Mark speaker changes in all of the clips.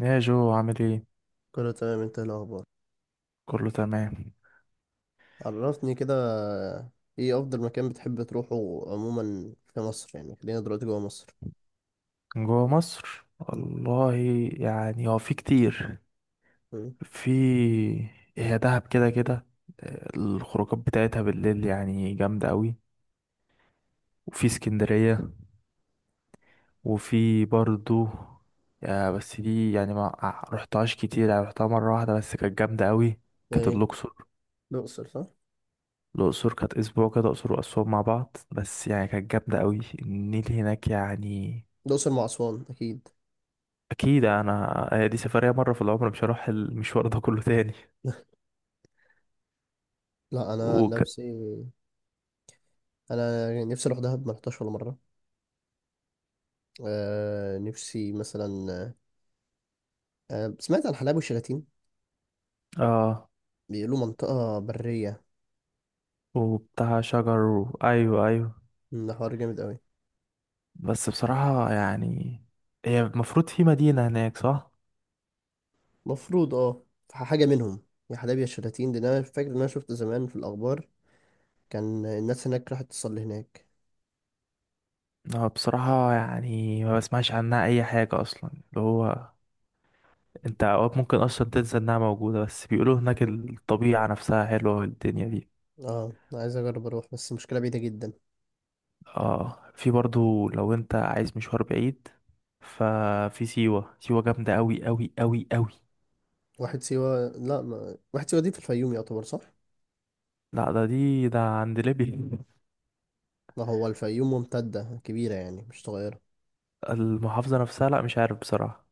Speaker 1: يا جو عامل ايه؟
Speaker 2: كله تمام. انت ايه الاخبار؟
Speaker 1: كله تمام.
Speaker 2: عرفني كده. ايه افضل مكان بتحب تروحه عموما في مصر؟ يعني خلينا دلوقتي جوه مصر.
Speaker 1: جوه مصر
Speaker 2: مم.
Speaker 1: والله، يعني هو في كتير.
Speaker 2: مم.
Speaker 1: في، هي دهب كده كده. الخروجات بتاعتها بالليل يعني جامدة قوي. وفي اسكندرية، وفي برضو. يا بس دي يعني ما ع- رحتهاش كتير، يعني رحتها مرة واحدة بس كانت جامدة قوي. كانت
Speaker 2: ايه؟
Speaker 1: الأقصر.
Speaker 2: الاقصر، صح.
Speaker 1: الأقصر كانت أسبوع كده، أقصر وأسوان مع بعض، بس يعني كانت جامدة قوي، النيل هناك يعني.
Speaker 2: الاقصر مع اسوان، اكيد.
Speaker 1: اكيد، انا هي دي سفريه مره في العمر، مش هروح المشوار ده كله تاني.
Speaker 2: لا، انا عن
Speaker 1: وك...
Speaker 2: نفسي. انا يعني نفسي اروح دهب، ما رحتهاش ولا مره. آه، نفسي مثلا. آه، سمعت عن حلايب وشلاتين.
Speaker 1: اه،
Speaker 2: بيقولوا منطقه بريه.
Speaker 1: وبتاع شجر ايوه ايوه.
Speaker 2: ده حوار جامد قوي.
Speaker 1: بس بصراحه يعني، هي المفروض في مدينه هناك صح.
Speaker 2: مفروض، اه. حاجه منهم. يا حلايب يا شلاتين، ده انا فاكر ان انا شفت زمان في الاخبار، كان الناس هناك راحت تصلي هناك.
Speaker 1: بصراحه يعني ما بسمعش عنها اي حاجه اصلا، اللي هو انت اوقات ممكن اصلا تنسى انها موجوده، بس بيقولوا هناك الطبيعه نفسها حلوه والدنيا دي.
Speaker 2: اه، أنا عايز اجرب اروح بس المشكله بعيده جدا.
Speaker 1: اه، في برضو لو انت عايز مشوار بعيد، ففي سيوه. سيوه جامده قوي قوي قوي قوي.
Speaker 2: واحد سيوه لا ما... واحد سيوه دي في الفيوم يعتبر، صح؟
Speaker 1: لا، ده عند ليبيا.
Speaker 2: ما هو الفيوم ممتده كبيره يعني مش صغيره.
Speaker 1: المحافظة نفسها لا مش عارف بصراحة،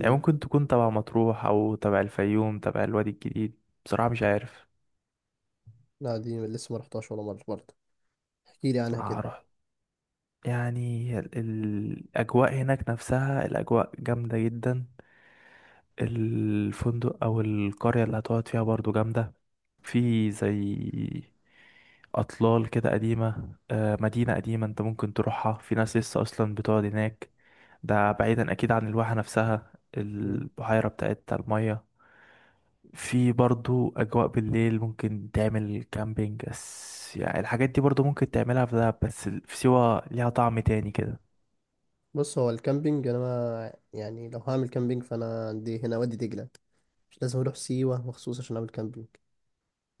Speaker 1: يعني ممكن تكون تبع مطروح أو تبع الفيوم تبع الوادي الجديد، بصراحة مش عارف.
Speaker 2: لا، دي لسه ما رحتهاش ولا مره برضه. احكي لي عنها كده.
Speaker 1: هروح. يعني الأجواء هناك نفسها الأجواء جامدة جدا. الفندق أو القرية اللي هتقعد فيها برضو جامدة. في زي أطلال كده قديمة، مدينة قديمة، أنت ممكن تروحها، في ناس لسه أصلا بتقعد هناك. ده بعيدا اكيد عن الواحة نفسها،
Speaker 2: امم.
Speaker 1: البحيرة بتاعت المية. في برضو اجواء بالليل ممكن تعمل كامبينج، بس يعني الحاجات دي برضو ممكن تعملها في دهب، بس في سيوة ليها طعم تاني كده.
Speaker 2: بص، هو الكامبينج انا ما... يعني لو هعمل كامبينج فانا عندي هنا وادي دجله. مش لازم اروح سيوه مخصوص عشان اعمل كامبينج.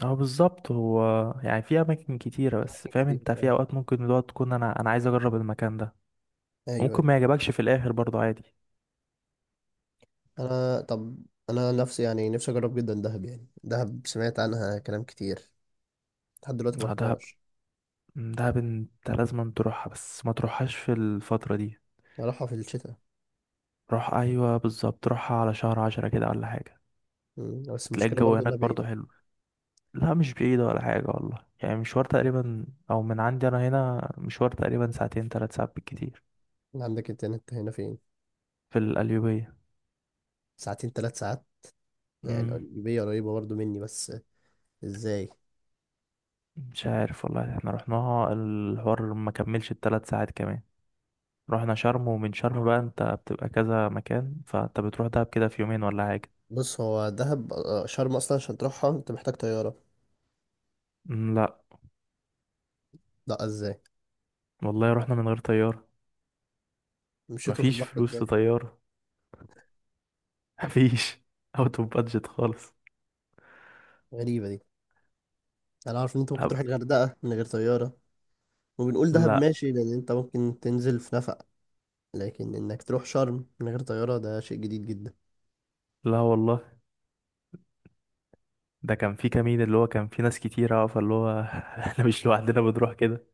Speaker 1: اه بالظبط هو، يعني في اماكن كتيرة، بس
Speaker 2: أماكن
Speaker 1: فاهم
Speaker 2: كتير
Speaker 1: انت في
Speaker 2: أوي.
Speaker 1: اوقات ممكن الوقت تكون انا عايز اجرب المكان ده.
Speaker 2: ايوه ايوه.
Speaker 1: ممكن ما يعجبكش في الاخر برضو عادي.
Speaker 2: طب انا نفسي اجرب جدا دهب، يعني دهب سمعت عنها كلام كتير. لحد دلوقتي ما
Speaker 1: دهب،
Speaker 2: رحتهاش.
Speaker 1: دهب انت لازم تروحها، بس ما تروحهاش في الفترة دي.
Speaker 2: اروحها في الشتاء.
Speaker 1: روح، ايوه بالظبط، روحها على شهر 10 كده ولا حاجة.
Speaker 2: مم. بس
Speaker 1: هتلاقي
Speaker 2: المشكلة
Speaker 1: الجو
Speaker 2: برضو
Speaker 1: هناك
Speaker 2: إنها
Speaker 1: برضو
Speaker 2: بعيدة.
Speaker 1: حلو. لا مش بعيدة ولا حاجة والله، يعني مشوار تقريبا، أو من عندي أنا هنا مشوار تقريبا ساعتين 3 ساعات بالكتير.
Speaker 2: عندك إنترنت هنا فين؟
Speaker 1: في القليوبية.
Speaker 2: ساعتين، ثلاث ساعات. يعني
Speaker 1: مم.
Speaker 2: القليوبية قريبة برضو مني بس. إزاي؟
Speaker 1: مش عارف والله، احنا رحناها الحوار ما كملش ال3 ساعات كمان. رحنا شرم، ومن شرم بقى انت بتبقى كذا مكان، فانت بتروح دهب كده في يومين ولا حاجة.
Speaker 2: بص، هو دهب، شرم أصلا عشان تروحها أنت محتاج طيارة.
Speaker 1: مم، لا
Speaker 2: لا، إزاي؟
Speaker 1: والله رحنا من غير طيارة.
Speaker 2: مشيتوا في
Speaker 1: مفيش
Speaker 2: البحر
Speaker 1: فلوس
Speaker 2: إزاي؟
Speaker 1: لطيارة. مفيش. اوت اوف بادجت خالص.
Speaker 2: غريبة دي. أنا عارف إن أنت ممكن
Speaker 1: لا،
Speaker 2: تروح الغردقة من غير طيارة. وبنقول دهب
Speaker 1: لا،
Speaker 2: ماشي لأن أنت ممكن تنزل في نفق. لكن إنك تروح شرم من غير طيارة، ده شيء جديد جدا.
Speaker 1: لا والله، ده كان في كمين، اللي هو كان في ناس كتيرة، فاللي هو احنا مش لوحدنا بنروح كده.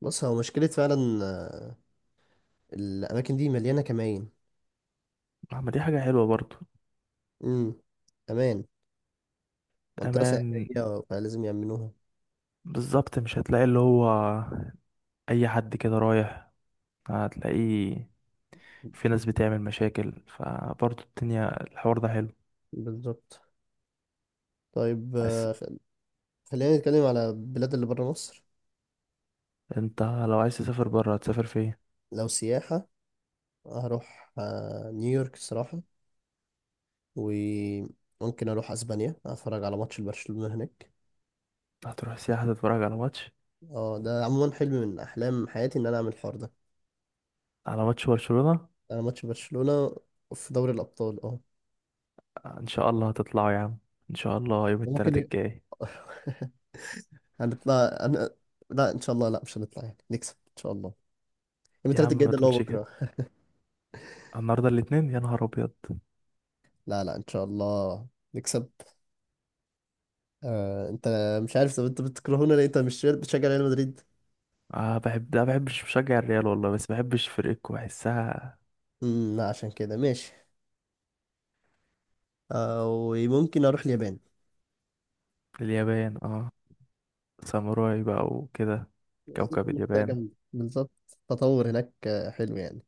Speaker 2: بص، هو مشكلة فعلا. آه. الأماكن دي مليانة كمائن.
Speaker 1: اما دي حاجة حلوة برضو.
Speaker 2: امم. أمان. منطقة
Speaker 1: امان.
Speaker 2: سياحية فلازم يأمنوها.
Speaker 1: بالظبط، مش هتلاقي اللي هو اي حد كده رايح هتلاقيه، في ناس بتعمل مشاكل، فبرضو الدنيا الحوار ده حلو.
Speaker 2: بالظبط. طيب،
Speaker 1: بس
Speaker 2: خلينا نتكلم على بلاد اللي بره مصر.
Speaker 1: انت لو عايز تسافر بره هتسافر فين؟
Speaker 2: لو سياحة، هروح نيويورك الصراحة. وممكن أروح أسبانيا أتفرج على ماتش البرشلونة هناك.
Speaker 1: هتروح سياحة تتفرج على ماتش؟
Speaker 2: اه، ده عموما حلم من أحلام حياتي إن أنا أعمل الحوار ده.
Speaker 1: على ماتش برشلونة؟
Speaker 2: أنا ماتش برشلونة في دوري الأبطال، اه.
Speaker 1: ان شاء الله هتطلعوا يا عم. ان شاء الله يوم
Speaker 2: ممكن
Speaker 1: التلات
Speaker 2: ي...
Speaker 1: الجاي.
Speaker 2: هنطلع أنا... لا، إن شاء الله، لا مش هنطلع، يعني نكسب إن شاء الله. يوم
Speaker 1: يا
Speaker 2: التلات
Speaker 1: عم
Speaker 2: الجاي
Speaker 1: ما
Speaker 2: ده اللي هو
Speaker 1: تقولش كده،
Speaker 2: بكرة.
Speaker 1: النهارده الاتنين، يا نهار ابيض.
Speaker 2: لا لا، إن شاء الله نكسب. آه، انت. مش عارف، طب انت بتكرهونا ليه؟ انت مش بتشجع ريال مدريد؟
Speaker 1: اه بحب، لا بحبش بشجع الريال والله، بس بحبش فرقتكم، بحسها.
Speaker 2: لا عشان كده ماشي. وممكن اروح اليابان.
Speaker 1: اليابان، اه. ساموراي بقى وكده، كوكب
Speaker 2: منطقة
Speaker 1: اليابان.
Speaker 2: جامدة بالظبط. تطور هناك، حلو يعني.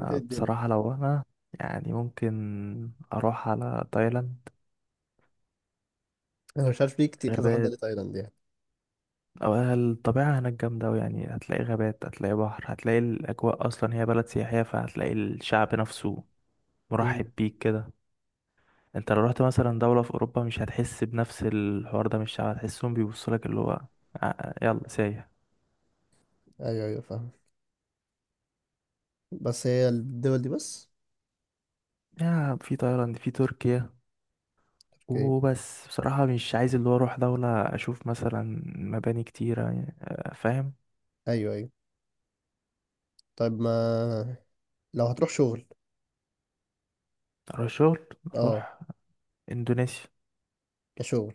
Speaker 2: انت إيه الدنيا؟
Speaker 1: بصراحة لو انا، يعني ممكن اروح على تايلاند.
Speaker 2: انا مش عارف ليه، كتير كذا حد قال
Speaker 1: غابات،
Speaker 2: لي تايلاند يعني.
Speaker 1: او الطبيعة هناك جامدة أوي، يعني هتلاقي غابات هتلاقي بحر، هتلاقي الاجواء اصلا، هي بلد سياحية، فهتلاقي الشعب نفسه مرحب
Speaker 2: امم.
Speaker 1: بيك كده. انت لو رحت مثلا دولة في اوروبا مش هتحس بنفس الحوار ده من الشعب، هتحسهم بيبصوا لك اللي هو يلا سايح.
Speaker 2: ايوه ايوه، فاهم. بس هي الدول دي بس.
Speaker 1: يا في تايلاند في تركيا،
Speaker 2: اوكي.
Speaker 1: وبس بصراحة مش عايز اللي هو أروح دولة أشوف مثلا مباني كتيرة يعني، فاهم.
Speaker 2: ايوه ايوه. طيب، ما لو هتروح شغل.
Speaker 1: أروح شغل،
Speaker 2: اه.
Speaker 1: أروح إندونيسيا.
Speaker 2: كشغل.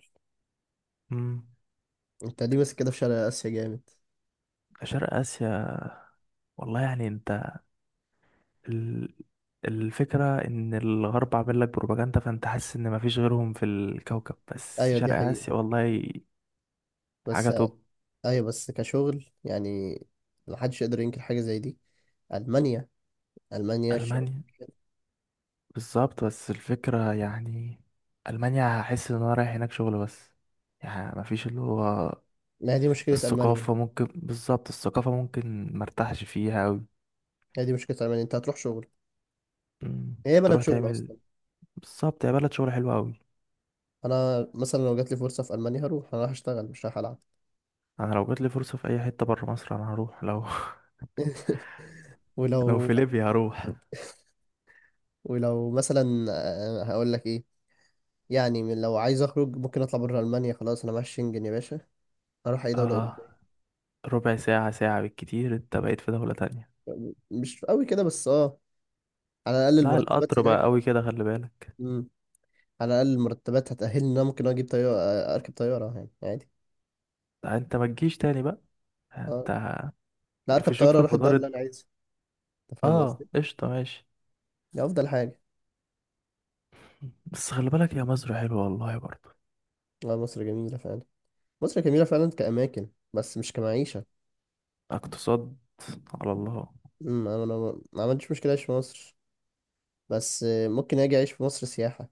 Speaker 1: مم.
Speaker 2: انت ليه بس كده في شرق اسيا جامد؟
Speaker 1: شرق آسيا والله، يعني أنت، ال- الفكرة إن الغرب عامل لك بروباجندا، فأنت حاسس إن مفيش غيرهم في الكوكب، بس
Speaker 2: ايوه، دي
Speaker 1: شرق
Speaker 2: حقيقة،
Speaker 1: آسيا والله حاجة
Speaker 2: بس.
Speaker 1: توب.
Speaker 2: ايوه، بس كشغل يعني. محدش يقدر ينكر حاجة زي دي. ألمانيا. ألمانيا الشغل.
Speaker 1: ألمانيا، بالظبط. بس الفكرة يعني ألمانيا هحس إن أنا رايح هناك شغل بس، يعني مفيش اللي هو
Speaker 2: ما هي دي مشكلة ألمانيا.
Speaker 1: الثقافة، ممكن بالظبط الثقافة ممكن مرتاحش فيها أوي.
Speaker 2: هي دي مشكلة ألمانيا، أنت هتروح شغل.
Speaker 1: مم.
Speaker 2: هي بلد
Speaker 1: تروح
Speaker 2: شغل
Speaker 1: تعمل،
Speaker 2: أصلا.
Speaker 1: بالظبط، يا بلد شغل حلو أوي.
Speaker 2: أنا مثلا لو جات لي فرصة في ألمانيا، هروح أنا رايح أشتغل مش رايح ألعب.
Speaker 1: أنا لو جاتلي فرصة في أي حتة برا مصر أنا هروح، لو لو
Speaker 2: ولو
Speaker 1: في ليبيا هروح.
Speaker 2: ولو مثلا هقول لك إيه. يعني لو عايز أخرج، ممكن أطلع بره ألمانيا، خلاص أنا معايا الشنجن يا باشا. أروح أي دولة أوروبية.
Speaker 1: اه، ربع ساعة ساعة بالكتير أنت بقيت في دولة تانية.
Speaker 2: مش قوي كده بس، أه. على الأقل
Speaker 1: لا
Speaker 2: المرتبات
Speaker 1: القطر بقى
Speaker 2: هناك.
Speaker 1: أوي كده، خلي بالك.
Speaker 2: مم. على الأقل المرتبات هتأهلني إن أنا ممكن أجيب طيارة. أركب طيارة يعني عادي.
Speaker 1: لا، أنت ما تجيش تاني بقى،
Speaker 2: أه.
Speaker 1: أنت
Speaker 2: لا، أركب
Speaker 1: يقفشوك
Speaker 2: طيارة
Speaker 1: في
Speaker 2: أروح الدولة
Speaker 1: المطار.
Speaker 2: اللي أنا عايزها. أنت فاهم
Speaker 1: اه
Speaker 2: قصدي؟
Speaker 1: قشطة ماشي.
Speaker 2: دي أفضل حاجة.
Speaker 1: بس خلي بالك، يا مصر حلوة والله برضه.
Speaker 2: لا، مصر جميلة فعلا. مصر جميلة فعلا كأماكن بس مش كمعيشة.
Speaker 1: اقتصاد، على الله.
Speaker 2: أنا ما عملتش مشكلة أعيش في مصر. بس ممكن أجي أعيش في مصر سياحة.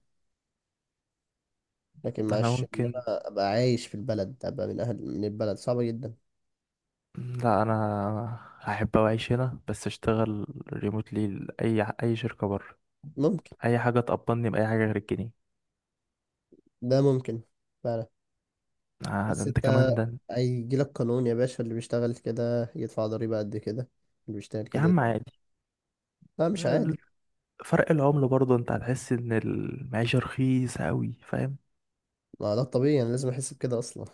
Speaker 2: لكن
Speaker 1: أنا
Speaker 2: معش إن
Speaker 1: ممكن،
Speaker 2: أنا أبقى عايش في البلد أبقى من أهل من البلد صعبة جدا.
Speaker 1: لا انا هحب اعيش هنا بس اشتغل ريموتلي لاي اي شركه بره.
Speaker 2: ممكن.
Speaker 1: اي حاجه تقبضني باي حاجه غير الجنيه.
Speaker 2: ده ممكن فعلا.
Speaker 1: آه ده
Speaker 2: بس
Speaker 1: انت
Speaker 2: أنت،
Speaker 1: كمان ده.
Speaker 2: هيجيلك قانون يا باشا، اللي بيشتغل كده يدفع ضريبة قد كده. اللي بيشتغل
Speaker 1: يا
Speaker 2: كده
Speaker 1: عم
Speaker 2: يدفع.
Speaker 1: عادي،
Speaker 2: لا، مش عادي.
Speaker 1: ال- فرق العمله برضه انت هتحس ان المعيشه رخيصه قوي، فاهم.
Speaker 2: ما ده الطبيعي، أنا لازم أحس بكده أصلا.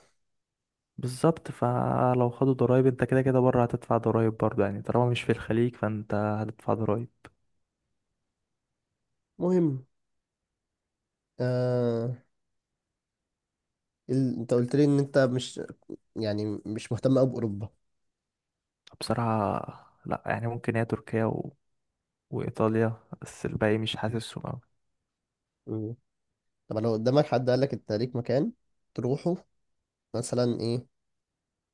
Speaker 1: بالظبط، فلو خدوا ضرايب انت كده كده بره هتدفع ضرايب برضه، يعني طالما مش في الخليج فانت هتدفع ضرايب.
Speaker 2: مهم. آه... أنت قلت لي إن أنت مش يعني مش مهتم أوي بأوروبا.
Speaker 1: بصراحه لا، يعني ممكن هي تركيا وايطاليا، بس الباقي مش حاسسهم.
Speaker 2: مم. طب لو قدامك حد قال لك انت ليك مكان تروحه، مثلا ايه،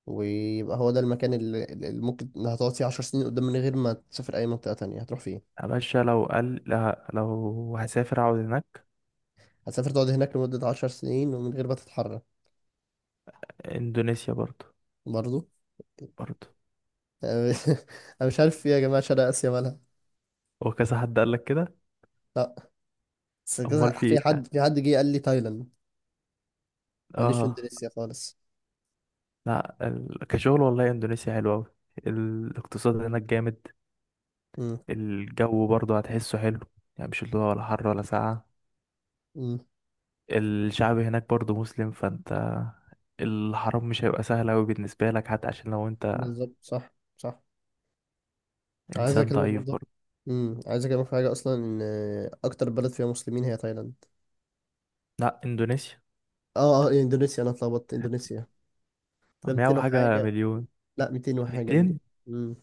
Speaker 2: ويبقى هو ده المكان اللي ممكن هتقعد فيه 10 سنين قدام من غير ما تسافر اي منطقة تانية، هتروح فين؟
Speaker 1: يا باشا لو قال، لا لو هسافر اقعد هناك.
Speaker 2: هتسافر تقعد هناك لمدة 10 سنين ومن غير ما تتحرك؟
Speaker 1: اندونيسيا برضو.
Speaker 2: برضه.
Speaker 1: برضو.
Speaker 2: انا مش عارف ايه يا جماعة، شرق اسيا مالها.
Speaker 1: هو كذا حد قال لك كده؟
Speaker 2: لا. بس
Speaker 1: امال
Speaker 2: كذا،
Speaker 1: في ايه
Speaker 2: في
Speaker 1: يعني؟
Speaker 2: حد في حد جه قال لي تايلاند. ماليش في
Speaker 1: اه.
Speaker 2: اندونيسيا خالص.
Speaker 1: لا ال... كشغل والله اندونيسيا حلوة اوي، الاقتصاد هناك جامد.
Speaker 2: امم.
Speaker 1: الجو برضو هتحسه حلو، يعني مش اللي هو ولا حر ولا ساقعة.
Speaker 2: امم.
Speaker 1: الشعب هناك برضو مسلم، فانت الحرام مش هيبقى سهل اوي بالنسبة لك، حتى عشان لو انت
Speaker 2: بالظبط، صح صح. عايز
Speaker 1: انسان
Speaker 2: اكلمك
Speaker 1: ضعيف
Speaker 2: برضه.
Speaker 1: برضو.
Speaker 2: عايز اكلمك في حاجة، اصلا ان اكتر بلد فيها مسلمين هي تايلاند.
Speaker 1: لا اندونيسيا
Speaker 2: اه اه، اندونيسيا، انا اتلخبطت، اندونيسيا. ده
Speaker 1: مية
Speaker 2: 200
Speaker 1: حاجة
Speaker 2: وحاجه.
Speaker 1: مليون
Speaker 2: لا، 200 وحاجه مليون.
Speaker 1: 200،
Speaker 2: امم.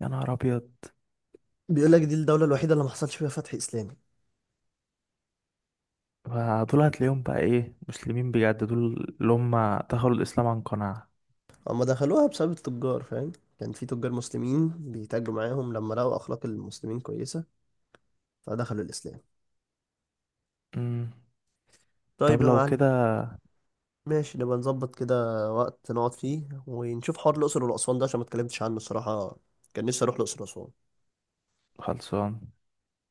Speaker 1: يا نهار ابيض.
Speaker 2: بيقول لك دي الدولة الوحيدة اللي ما حصلش فيها فتح إسلامي.
Speaker 1: فدول هتلاقيهم بقى ايه، مسلمين بجد، دول اللي هم دخلوا الإسلام عن قناعة.
Speaker 2: هما دخلوها بسبب التجار، فاهم. كان في تجار مسلمين بيتاجروا معاهم، لما لقوا اخلاق المسلمين كويسه فدخلوا الاسلام.
Speaker 1: مم.
Speaker 2: طيب
Speaker 1: طب
Speaker 2: يا
Speaker 1: لو
Speaker 2: معلم.
Speaker 1: كده،
Speaker 2: ماشي، نبقى نظبط كده وقت نقعد فيه ونشوف حوار الأقصر والأسوان ده عشان ما اتكلمتش عنه الصراحة. كان نفسي أروح الأقصر وأسوان.
Speaker 1: خلصان.